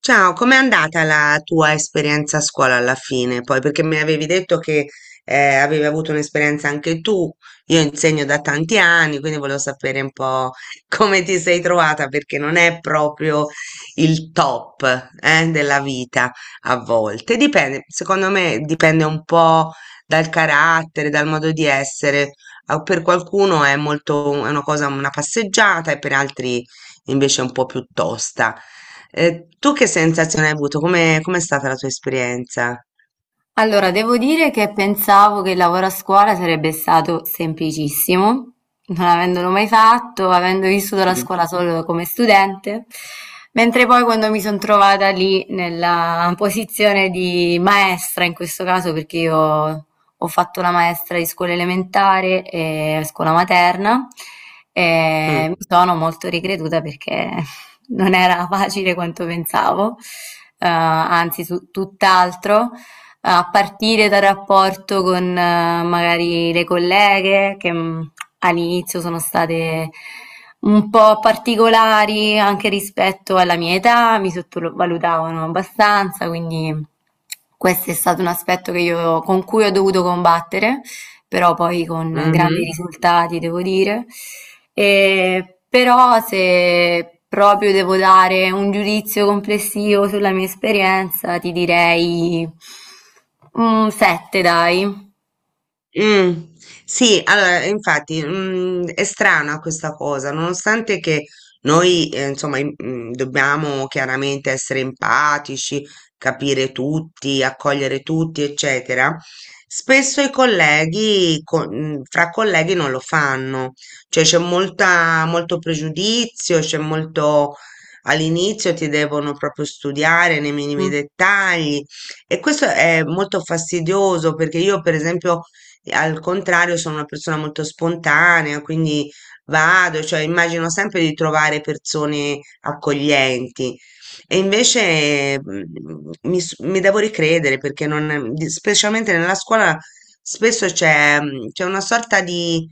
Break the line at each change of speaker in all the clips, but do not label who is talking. Ciao, com'è andata la tua esperienza a scuola alla fine? Poi, perché mi avevi detto che avevi avuto un'esperienza anche tu, io insegno da tanti anni, quindi volevo sapere un po' come ti sei trovata, perché non è proprio il top della vita a volte. Dipende, secondo me dipende un po' dal carattere, dal modo di essere. Ah, per qualcuno è molto, è una cosa, una passeggiata e per altri invece è un po' più tosta. Tu che sensazione hai avuto? Come, com'è stata la tua esperienza?
Allora, devo dire che pensavo che il lavoro a scuola sarebbe stato semplicissimo, non avendolo mai fatto, avendo vissuto la scuola solo come studente, mentre poi quando mi sono trovata lì nella posizione di maestra, in questo caso perché io ho fatto la maestra di scuola elementare e scuola materna, e mi
Mm,
sono molto ricreduta perché non era facile quanto pensavo, anzi tutt'altro, a partire dal rapporto con magari le colleghe che all'inizio sono state un po' particolari anche rispetto alla mia età, mi sottovalutavano abbastanza, quindi questo è stato un aspetto che con cui ho dovuto combattere, però poi con grandi
mhm.
risultati devo dire. E però, se proprio devo dare un giudizio complessivo sulla mia esperienza, ti direi un 7, dai.
Mm, sì, allora, infatti, è strana questa cosa, nonostante che noi, insomma, dobbiamo chiaramente essere empatici, capire tutti, accogliere tutti, eccetera. Spesso i colleghi, fra colleghi non lo fanno, cioè c'è molta, molto pregiudizio, c'è molto, all'inizio ti devono proprio studiare nei minimi dettagli e questo è molto fastidioso perché io, per esempio, e al contrario, sono una persona molto spontanea, quindi vado, cioè immagino sempre di trovare persone accoglienti. E invece mi devo ricredere perché non, specialmente nella scuola spesso c'è c'è una sorta di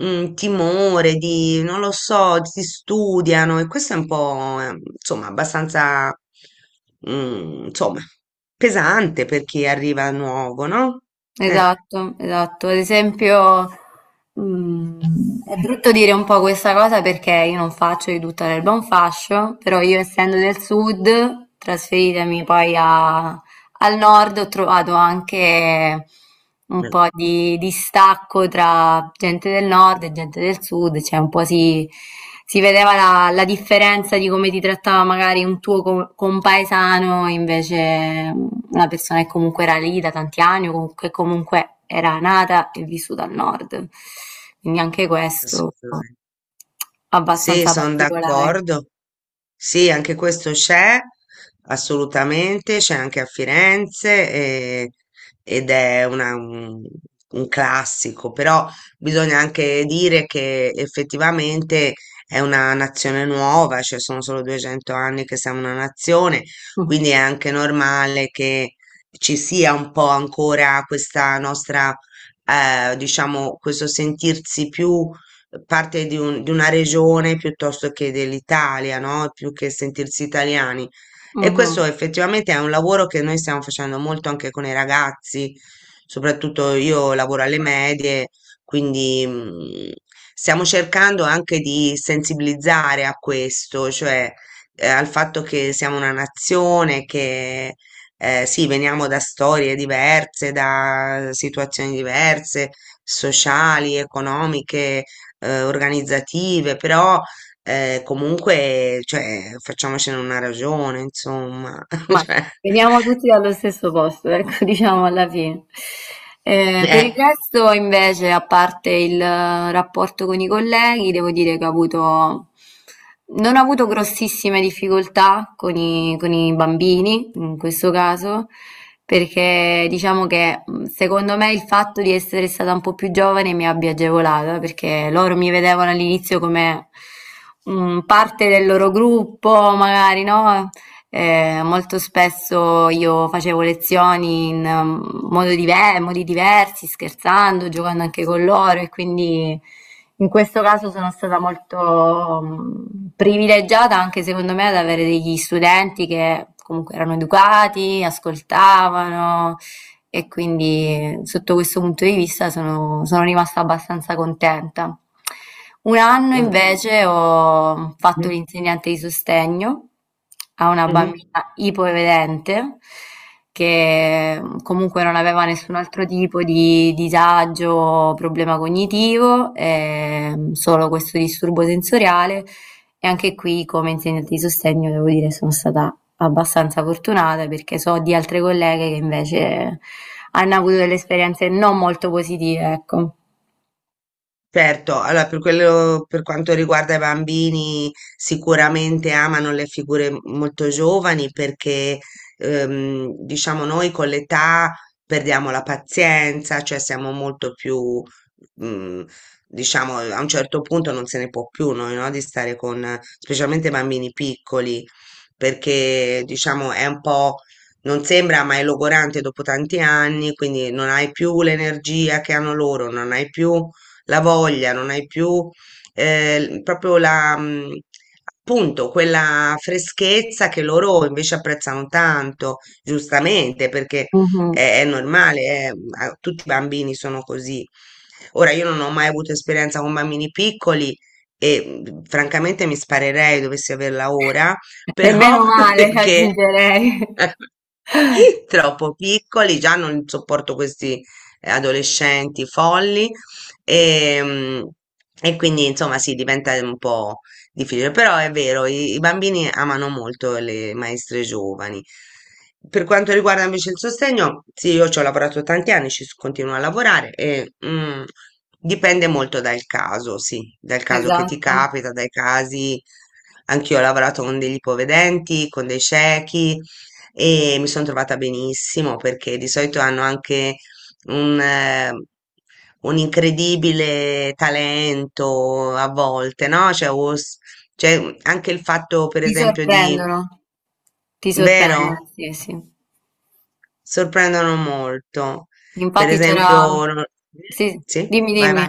timore, di non lo so, si studiano e questo è un po' insomma abbastanza insomma pesante per chi arriva nuovo, no? Eh.
Esatto, esatto. Ad esempio, mm, è brutto dire un po' questa cosa perché io non faccio di tutta l'erba un fascio, però io, essendo del sud, trasferitemi poi a Al nord, ho trovato anche un po' di distacco tra gente del nord e gente del sud, cioè un po' si vedeva la, la differenza di come ti trattava magari un tuo compaesano, invece una persona che comunque era lì da tanti anni, o che comunque era nata e vissuta al nord. Quindi anche questo
Assolutamente. Sì,
abbastanza
sono
particolare.
d'accordo. Sì, anche questo c'è, assolutamente, c'è anche a Firenze ed è un classico, però bisogna anche dire che effettivamente è una nazione nuova, cioè sono solo 200 anni che siamo una nazione, quindi è anche normale che ci sia un po' ancora questa nostra, diciamo, questo sentirsi più parte di, di una regione piuttosto che dell'Italia, no? Più che sentirsi italiani. E questo
Mhm.
effettivamente è un lavoro che noi stiamo facendo molto anche con i ragazzi, soprattutto io lavoro alle medie, quindi stiamo cercando anche di sensibilizzare a questo, cioè al fatto che siamo una nazione, che sì, veniamo da storie diverse, da situazioni diverse, sociali, economiche, organizzative, però comunque, cioè, facciamocene una ragione, insomma.
Ma veniamo tutti dallo stesso posto, ecco, diciamo alla fine. Per il
Cioè,
resto, invece, a parte il rapporto con i colleghi, devo dire che non ho avuto grossissime difficoltà con con i bambini, in questo caso, perché diciamo che secondo me il fatto di essere stata un po' più giovane mi abbia agevolata, perché loro mi vedevano all'inizio come... parte del loro gruppo, magari, no? Molto spesso io facevo lezioni in modi diversi, scherzando, giocando anche con loro e quindi in questo caso sono stata molto privilegiata anche secondo me ad avere degli studenti che comunque erano educati, ascoltavano, e quindi sotto questo punto di vista sono rimasta abbastanza contenta. Un anno
eh,
invece ho fatto
mm,
l'insegnante di sostegno a una bambina
mhm.
ipovedente che comunque non aveva nessun altro tipo di disagio o problema cognitivo, solo questo disturbo sensoriale. E anche qui, come insegnante di sostegno, devo dire, sono stata abbastanza fortunata perché so di altre colleghe che invece hanno avuto delle esperienze non molto positive, ecco.
Certo, allora per quello, per quanto riguarda i bambini, sicuramente amano le figure molto giovani perché, diciamo, noi con l'età perdiamo la pazienza, cioè siamo molto più, mm, diciamo, a un certo punto non se ne può più noi, no? Di stare con, specialmente bambini piccoli, perché, diciamo, è un po'. Non sembra, ma è logorante dopo tanti anni, quindi non hai più l'energia che hanno loro, non hai più la voglia, non hai più proprio la, appunto, quella freschezza che loro invece apprezzano tanto, giustamente, perché
Mh-mh.
è normale, tutti i bambini sono così. Ora, io non ho mai avuto esperienza con bambini piccoli e francamente mi sparerei dovessi averla ora,
E
però
meno male,
perché
aggiungerei.
troppo piccoli, già non sopporto questi adolescenti folli e, mm, e quindi insomma sì, diventa un po' difficile, però è vero, i bambini amano molto le maestre giovani. Per quanto riguarda invece il sostegno, sì, io ci ho lavorato tanti anni, continuo a lavorare e dipende molto dal caso, sì, dal caso che ti
Esatto.
capita, dai casi. Anch'io ho lavorato con degli ipovedenti, con dei ciechi e mi sono trovata benissimo perché di solito hanno anche un, eh, un incredibile talento a volte, no? Cioè, anche il fatto, per
Ti
esempio, di,
sorprendono. Ti sorprendono,
vero?
sì, sì.
Sorprendono molto. Per
Infatti c'era
esempio,
sì,
sì,
dimmi,
vai, vai.
dimmi.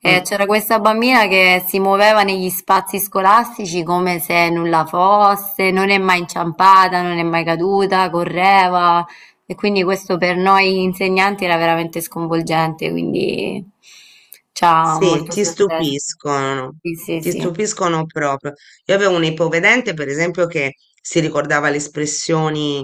Mm.
C'era questa bambina che si muoveva negli spazi scolastici come se nulla fosse, non è mai inciampata, non è mai caduta, correva, e quindi questo per noi insegnanti era veramente sconvolgente, quindi ci ha
Sì,
molto sorpreso. Sì, sì,
ti
sì.
stupiscono proprio. Io avevo un ipovedente, per esempio, che si ricordava le espressioni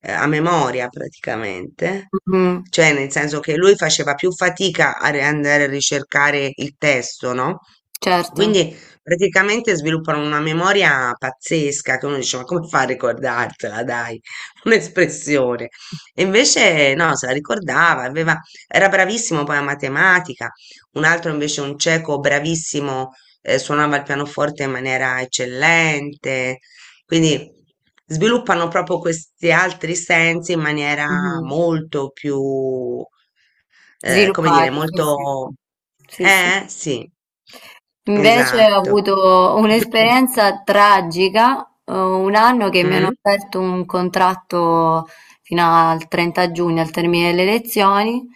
a memoria praticamente,
Mhm.
cioè nel senso che lui faceva più fatica a andare a ricercare il testo, no?
Certo.
Quindi praticamente sviluppano una memoria pazzesca che uno dice, ma come fa a ricordartela, dai, un'espressione. E invece no, se la ricordava, aveva, era bravissimo poi a matematica, un altro invece un cieco bravissimo, suonava il pianoforte in maniera eccellente, quindi sviluppano proprio questi altri sensi in maniera
Mhm.
molto più, come dire,
Sviluppare, sì, sì.
molto...
Sì, sì.
Sì,
Invece ho
esatto.
avuto un'esperienza tragica, un anno che mi hanno
Mm.
offerto un contratto fino al 30 giugno, al termine delle lezioni,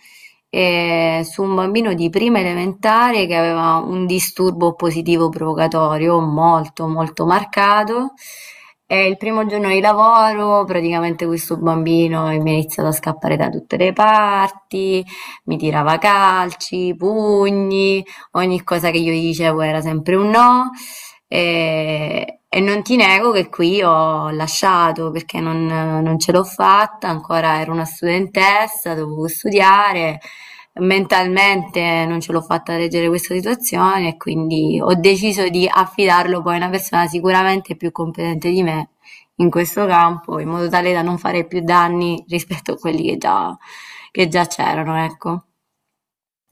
su un bambino di prima elementare che aveva un disturbo positivo provocatorio molto molto marcato. E il primo giorno di lavoro, praticamente questo bambino mi ha iniziato a scappare da tutte le parti, mi tirava calci, pugni. Ogni cosa che io gli dicevo era sempre un no, e non ti nego che qui ho lasciato perché non ce l'ho fatta, ancora ero una studentessa, dovevo studiare, mentalmente non ce l'ho fatta reggere questa situazione e quindi ho deciso di affidarlo poi a una persona sicuramente più competente di me in questo campo, in modo tale da non fare più danni rispetto a quelli che già c'erano, ecco.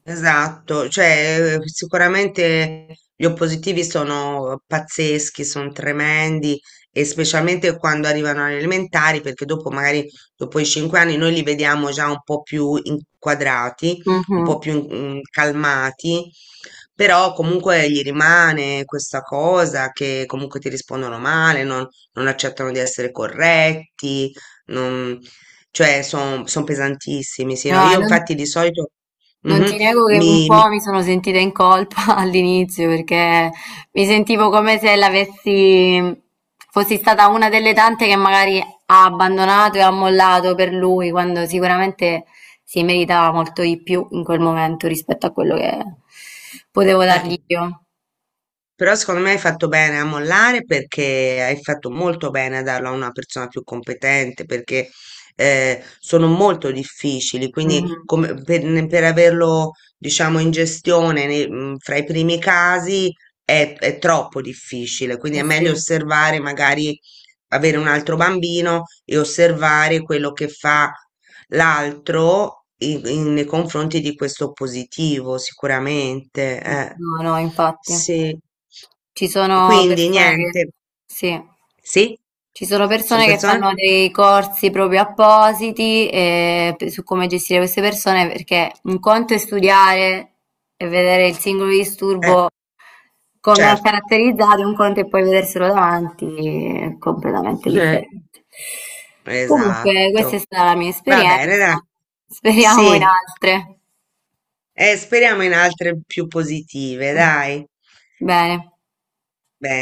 Esatto, cioè sicuramente gli oppositivi sono pazzeschi, sono tremendi e specialmente quando arrivano alle elementari, perché dopo magari dopo i 5 anni noi li vediamo già un po' più inquadrati, un po'
Mhm.
più calmati, però comunque gli rimane questa cosa che comunque ti rispondono male, non, non accettano di essere corretti, non- cioè sono pesantissimi, sì,
No,
no? Io
non.
infatti di solito...
Non
Mhm.
ti nego che un
Mi,
po'
mi-
mi sono sentita in colpa all'inizio perché mi sentivo come se l'avessi, fossi stata una delle tante che magari ha abbandonato e ha mollato per lui, quando sicuramente si meritava molto di più in quel momento rispetto a quello che potevo dargli
eh,
io.
però secondo me hai fatto bene a mollare perché hai fatto molto bene a darlo a una persona più competente perché sono molto difficili, quindi
Mhm.
per averlo diciamo in gestione fra i primi casi è troppo difficile, quindi
Sì,
è
sì.
meglio osservare magari avere un altro bambino e osservare quello che fa l'altro nei confronti di questo positivo, sicuramente. Eh.
No, no, infatti.
Sì.
Ci sono
Quindi
persone che...
niente.
Sì.
Sì?
Ci sono
Sono
persone che
persone?
fanno dei corsi proprio appositi su come gestire queste persone, perché un conto è studiare e vedere il singolo
Eh,
disturbo come è
certo.
caratterizzato, un conto è poi vederselo davanti, è completamente
Eh,
differente. Comunque, questa è
esatto.
stata la mia
Va bene,
esperienza,
dai.
speriamo in
Sì.
altre.
Speriamo in altre più positive, dai.
Bene.
Bene.